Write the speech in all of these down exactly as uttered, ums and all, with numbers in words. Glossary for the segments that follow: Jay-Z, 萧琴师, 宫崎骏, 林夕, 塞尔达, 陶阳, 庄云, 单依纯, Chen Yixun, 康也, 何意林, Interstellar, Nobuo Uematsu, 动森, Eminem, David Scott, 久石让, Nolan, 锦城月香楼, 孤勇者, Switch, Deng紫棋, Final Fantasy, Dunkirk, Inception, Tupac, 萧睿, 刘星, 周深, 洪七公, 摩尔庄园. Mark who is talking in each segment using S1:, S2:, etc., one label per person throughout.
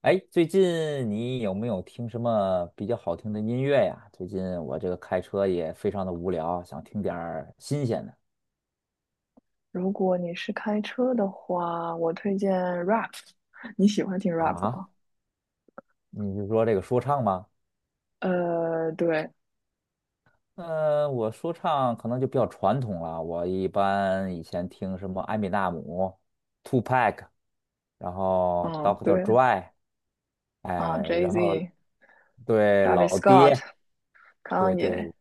S1: 哎，最近你有没有听什么比较好听的音乐呀？最近我这个开车也非常的无聊，想听点儿新鲜的
S2: 如果你是开车的话，我推荐 rap。你喜欢听 rap
S1: 啊。
S2: 吗？
S1: 你是说这个说唱吗？
S2: 呃，对，
S1: 呃，我说唱可能就比较传统了。我一般以前听什么艾米纳姆、t w o p a c k 然后 D R o
S2: 嗯，
S1: o c t
S2: 对，
S1: Dre，
S2: 啊
S1: 哎，然后
S2: ，Jay-Z、d
S1: 对
S2: a v i d
S1: 老
S2: Scott、
S1: 爹，
S2: 康
S1: 对
S2: 也，
S1: 对，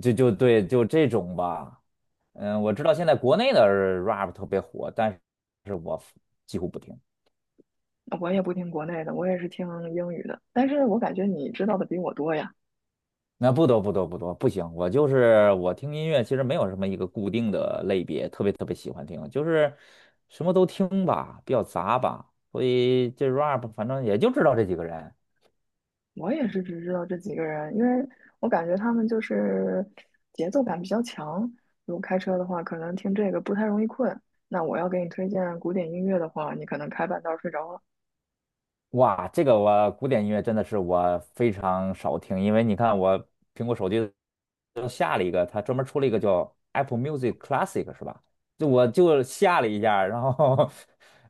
S1: 就就对就这种吧。嗯，我知道现在国内的 rap 特别火，但是我几乎不听。
S2: 我也不听国内的，我也是听英语的。但是我感觉你知道的比我多呀，
S1: 那不多不多不多，不行，我就是我听音乐，其实没有什么一个固定的类别，特别特别喜欢听，就是什么都听吧，比较杂吧，所以这 rap 反正也就知道这几个人，
S2: 我也是只知道这几个人，因为我感觉他们就是节奏感比较强。如果开车的话，可能听这个不太容易困。那我要给你推荐古典音乐的话，你可能开半道儿睡着了。
S1: 哇，这个我古典音乐真的是我非常少听，因为你看我苹果手机都下了一个，它专门出了一个叫 Apple Music Classic 是吧？就我就下了一下，然后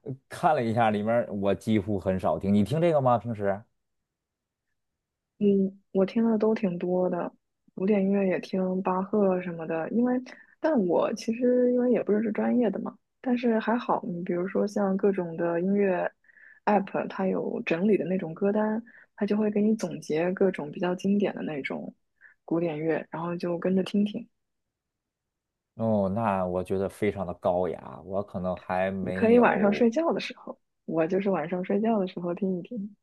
S1: 看了一下里面儿我几乎很少听。你听这个吗？平时？
S2: 嗯，我听的都挺多的，古典音乐也听巴赫什么的。因为，但我其实因为也不是是专业的嘛，但是还好，你比如说像各种的音乐 app,它有整理的那种歌单，它就会给你总结各种比较经典的那种古典乐，然后就跟着听听。
S1: 哦，那我觉得非常的高雅，我可能还
S2: 你可
S1: 没
S2: 以晚上睡
S1: 有，
S2: 觉的时候，我就是晚上睡觉的时候听一听，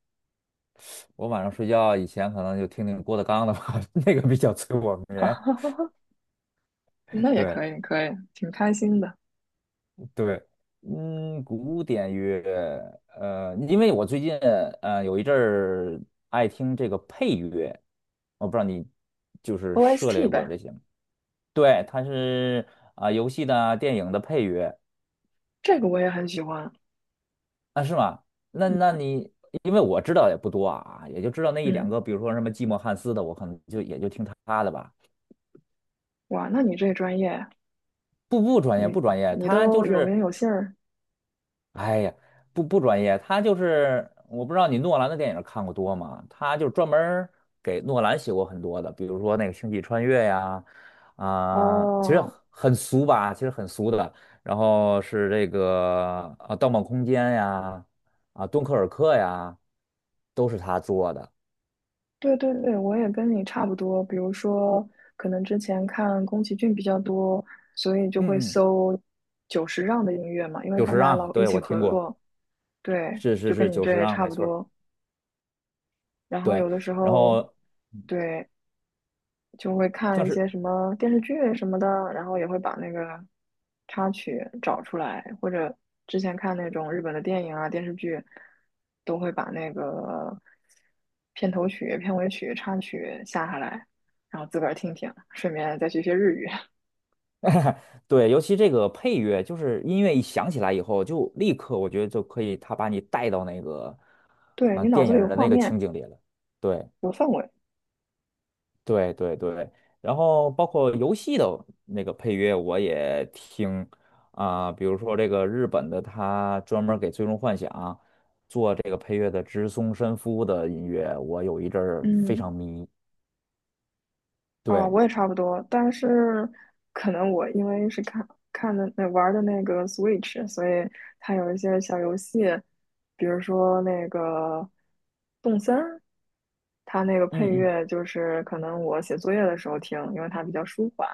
S1: 我晚上睡觉以前可能就听听郭德纲的吧，那个比较催我眠。
S2: 那也
S1: 对。
S2: 可以，可以，挺开心的。
S1: 对，嗯，古典乐，呃，因为我最近呃有一阵儿爱听这个配乐，我不知道你就是涉猎
S2: O S T
S1: 过
S2: 呗，
S1: 这些吗？对，它是啊、游戏的啊、电影的配乐
S2: 这个我也很喜欢。
S1: 啊，是吗？那那
S2: 嗯。
S1: 你因为我知道也不多啊，也就知道那一两
S2: 嗯
S1: 个，比如说什么寂寞汉斯的，我可能就也就听他的吧。
S2: 哇，那你这专业，
S1: 不不专业，
S2: 你
S1: 不专业，
S2: 你
S1: 他就
S2: 都有名
S1: 是
S2: 有姓儿
S1: 哎呀，不不专业，他就是我不知道你诺兰的电影看过多吗？他就专门儿给诺兰写过很多的，比如说那个《星际穿越》呀，啊、其实
S2: 哦。
S1: 很俗吧，其实很俗的。然后是这个啊，《盗梦空间》呀，啊，《敦刻尔克》呀，都是他做的。
S2: 对对对，我也跟你差不多。比如说，可能之前看宫崎骏比较多，所以就会
S1: 嗯嗯，
S2: 搜久石让的音乐嘛，因为
S1: 九
S2: 他
S1: 十
S2: 们俩
S1: 让，
S2: 老一
S1: 对，
S2: 起
S1: 我听
S2: 合
S1: 过，
S2: 作。对，
S1: 是
S2: 就
S1: 是
S2: 跟
S1: 是，
S2: 你
S1: 九
S2: 这
S1: 十
S2: 也
S1: 让，
S2: 差
S1: 没
S2: 不
S1: 错儿
S2: 多。然后有
S1: 对，
S2: 的时
S1: 然
S2: 候，
S1: 后
S2: 对，就会
S1: 像
S2: 看一
S1: 是
S2: 些什么电视剧什么的，然后也会把那个插曲找出来，或者之前看那种日本的电影啊、电视剧，都会把那个片头曲、片尾曲、插曲下下来，然后自个儿听听，顺便再学学日语。
S1: 对，尤其这个配乐，就是音乐一响起来以后，就立刻我觉得就可以，他把你带到那个，
S2: 对，
S1: 啊，
S2: 你脑
S1: 电
S2: 子
S1: 影
S2: 里有
S1: 儿的
S2: 画
S1: 那个情
S2: 面，
S1: 景里了。对，
S2: 有氛围，
S1: 对，对，对。然后包括游戏的那个配乐，我也听啊、比如说这个日本的，他专门儿给《最终幻想》做这个配乐的植松伸夫的音乐，我有一阵儿非
S2: 嗯。
S1: 常迷。
S2: 啊，
S1: 对，
S2: 我也差不多，但是可能我因为是看看的那玩儿的那个 Switch,所以它有一些小游戏，比如说那个动森儿它那个
S1: 嗯
S2: 配
S1: 嗯
S2: 乐就是可能我写作业的时候听，因为它比较舒缓，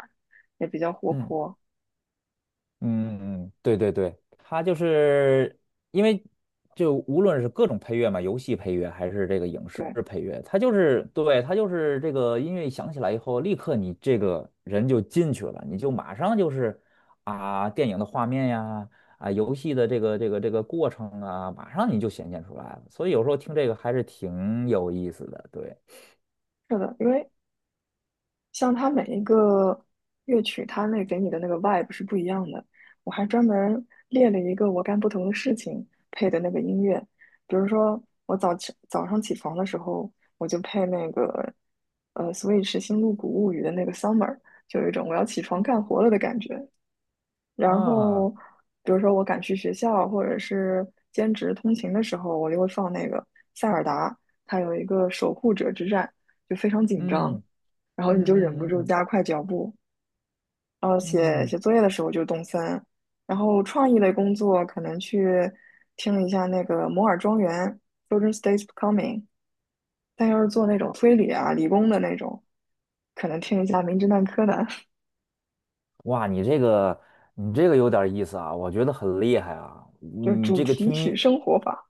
S2: 也比较活
S1: 嗯。
S2: 泼。
S1: 嗯嗯，对对对，它就是因为就无论是各种配乐嘛，游戏配乐还是这个影视
S2: 对，
S1: 配乐，它就是对它就是这个音乐一响起来以后，立刻你这个人就进去了，你就马上就是啊电影的画面呀，啊游戏的这个这个这个过程啊，马上你就显现出来了。所以有时候听这个还是挺有意思的，对
S2: 是的，因为像它每一个乐曲，它那给你的那个 vibe 是不一样的。我还专门列了一个我干不同的事情配的那个音乐，比如说我早起早上起床的时候，我就配那个呃 Switch《星露谷物语》的那个 Summer,就有一种我要起床干活了的感觉。然
S1: 啊，
S2: 后，比如说我赶去学校或者是兼职通勤的时候，我就会放那个塞尔达，它有一个守护者之战，就非常紧张，然后
S1: 嗯
S2: 你就忍不
S1: 嗯嗯嗯
S2: 住
S1: 嗯。
S2: 加快脚步。然后写
S1: 嗯
S2: 写作业的时候就动森，然后创意类工作可能去听一下那个摩尔庄园 （(Children's d a y s c o m i n g 但要是做那种推理啊、理工的那种，可能听一下《名侦探柯南》，
S1: 哇，你这个你这个有点意思啊，我觉得很厉害啊。
S2: 就是
S1: 你
S2: 主
S1: 这个
S2: 题
S1: 听音，
S2: 曲生活法，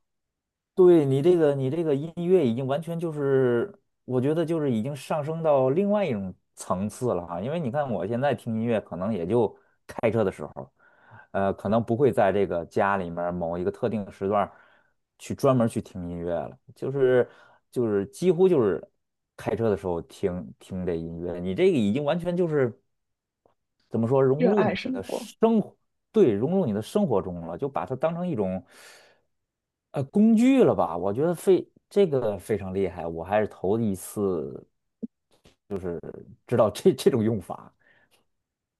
S1: 对你这个你这个音乐已经完全就是，我觉得就是已经上升到另外一种层次了啊。因为你看我现在听音乐，可能也就开车的时候，呃，可能不会在这个家里面儿某一个特定的时段儿去专门儿去听音乐了，就是就是几乎就是开车的时候听听这音乐。你这个已经完全就是。怎么说融
S2: 热
S1: 入
S2: 爱
S1: 你
S2: 生
S1: 的
S2: 活。
S1: 生活，对，融入你的生活中了，就把它当成一种呃工具了吧？我觉得非这个非常厉害，我还是头一次知道这这种用法。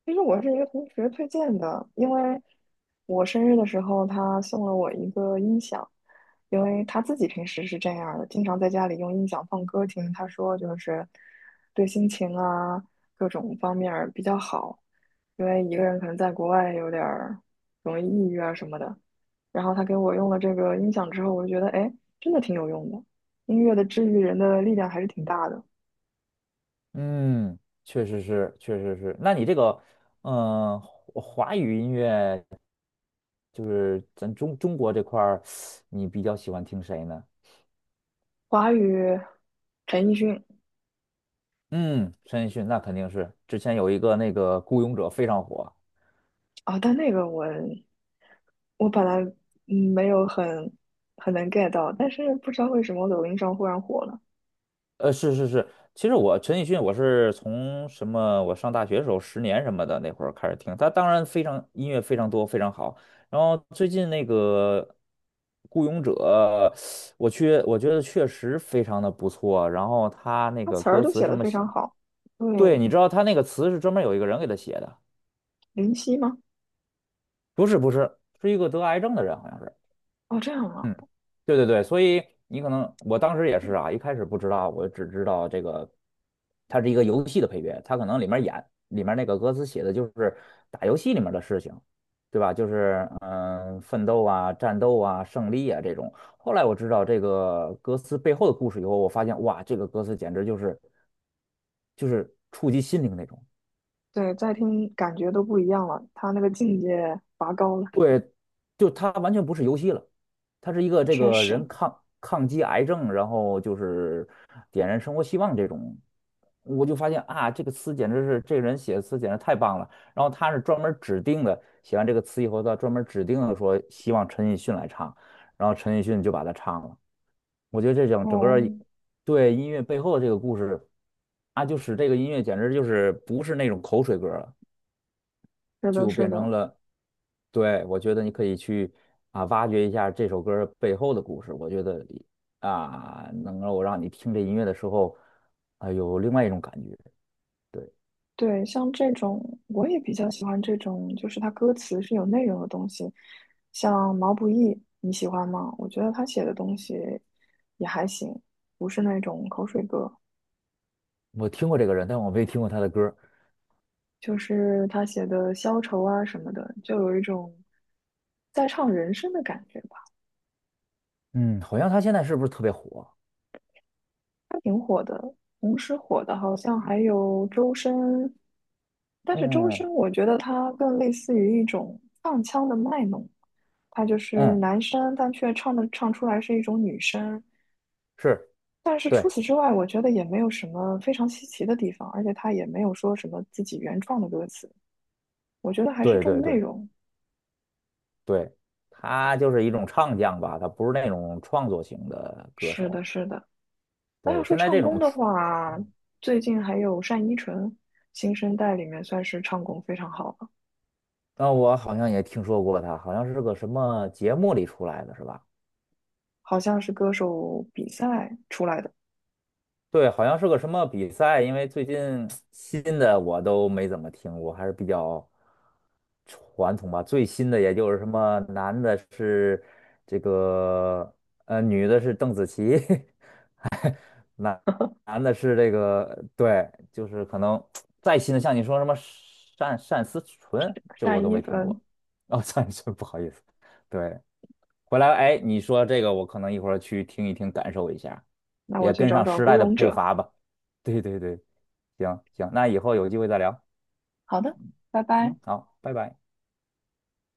S2: 其实我是一个同学推荐的，因为我生日的时候，他送了我一个音响，因为他自己平时是这样儿的，经常在家里用音响放歌听。他说就是对心情啊各种方面儿比较好，因为一个人可能在国外有点儿容易抑郁啊什么的。然后他给我用了这个音响之后，我就觉得哎，真的挺有用的，音乐的治愈人的力量还是挺大的。
S1: 嗯，确实是，确实是。那你这个，嗯、华华语音乐就是咱中中国这块儿，你比较喜欢听谁呢？
S2: 华语，陈奕迅
S1: 嗯，陈奕迅那肯定是，之前有一个那个《孤勇者》非常火。
S2: 啊，但那个我。我本来嗯没有很很能 get 到，但是不知道为什么我抖音上忽然火了，
S1: 呃，是是是，其实我陈奕迅我是从什么，我上大学的时候十年什么的那会儿开始听，他当然非常音乐非常多，非常好。然后最近那个《孤勇者》，我去我觉得确实非常的不错。然后他那
S2: 他
S1: 个
S2: 词儿
S1: 歌
S2: 都
S1: 词
S2: 写
S1: 什
S2: 得
S1: 么
S2: 非常
S1: 写，
S2: 好。
S1: 对，
S2: 对，
S1: 你知道他那个词是专门有一个人给他写的，
S2: 林夕吗？
S1: 不是不是，是一个得癌症的人好像是。
S2: 哦，这样啊，
S1: 嗯，对对对，所以你可能我当时也是啊，一开始不知道，我只知道这个它是一个游戏的配乐，它可能里面演里面那个歌词写的就是打游戏里面的事情，对吧？就是嗯、呃奋斗啊、战斗啊、胜利啊这种。后来我知道这个歌词背后的故事以后，我发现哇，这个歌词简直就是就是触及心灵那种。
S2: 对，再听感觉都不一样了，他那个境界拔高了，
S1: 对。就他完全不是游戏了，他是一个这
S2: 确
S1: 个
S2: 实。
S1: 人抗抗击癌症，然后就是点燃生活希望这种。我就发现啊，这个词简直是这个人写的词简直太棒了。然后他是专门指定的，写完这个词以后，他专门指定的说希望陈奕迅来唱，然后陈奕迅就把它唱了。我觉得这整整个儿
S2: 哦，
S1: 对音乐背后的这个故事啊，就使这个音乐简直就是不是那种口水歌了。
S2: 是的，
S1: 就
S2: 是
S1: 变
S2: 的，
S1: 成了，对，我觉得你可以去啊挖掘一下这首歌背后的故事。我觉得啊，能够让你听这音乐的时候啊，有另外一种感觉。对，
S2: 对，像这种我也比较喜欢这种，就是他歌词是有内容的东西，像毛不易，你喜欢吗？我觉得他写的东西也还行，不是那种口水歌。
S1: 我听过这个人，但我没听过他的歌
S2: 就是他写的消愁啊什么的，就有一种在唱人生的感觉吧。
S1: 嗯，好像他现在是不是特别火？
S2: 同时火的好像还有周深，但是周
S1: 嗯
S2: 深我觉得他更类似于一种放腔的卖弄，他就是
S1: 嗯，
S2: 男生，但却唱的唱出来是一种女生。
S1: 是，
S2: 但是除
S1: 对
S2: 此之外，我觉得也没有什么非常稀奇的地方，而且他也没有说什么自己原创的歌词，我觉得还是
S1: 对对
S2: 重内
S1: 对
S2: 容。
S1: 对，他就是一种唱将吧，他不是那种创作型的歌
S2: 是
S1: 手。
S2: 的，是的。那要
S1: 对，
S2: 说
S1: 现在
S2: 唱
S1: 这
S2: 功
S1: 种
S2: 的
S1: 出，
S2: 话，最近还有单依纯，新生代里面算是唱功非常好了，
S1: 那我好像也听说过他，好像是个什么节目里出来的，是吧？
S2: 好像是歌手比赛出来的
S1: 对，好像是个什么比赛，因为最近新的我都没怎么听过，还是比较传统吧。最新的也就是什么男的是这个呃，女的是邓紫棋，男男的是这个对，就是可能再新的像你说什么单单思纯，这我
S2: 单
S1: 都
S2: 依
S1: 没听
S2: 纯。
S1: 过。哦，单思纯，不好意思，对，回来，哎，你说这个，我可能一会儿去听一听，感受一下，
S2: 那我
S1: 也
S2: 去
S1: 跟
S2: 找
S1: 上
S2: 找
S1: 时
S2: 《孤
S1: 代的
S2: 勇
S1: 步
S2: 者》。
S1: 伐吧。对对对，行行，那以后有机会再聊。
S2: 好的，拜拜。
S1: 嗯，好，拜拜。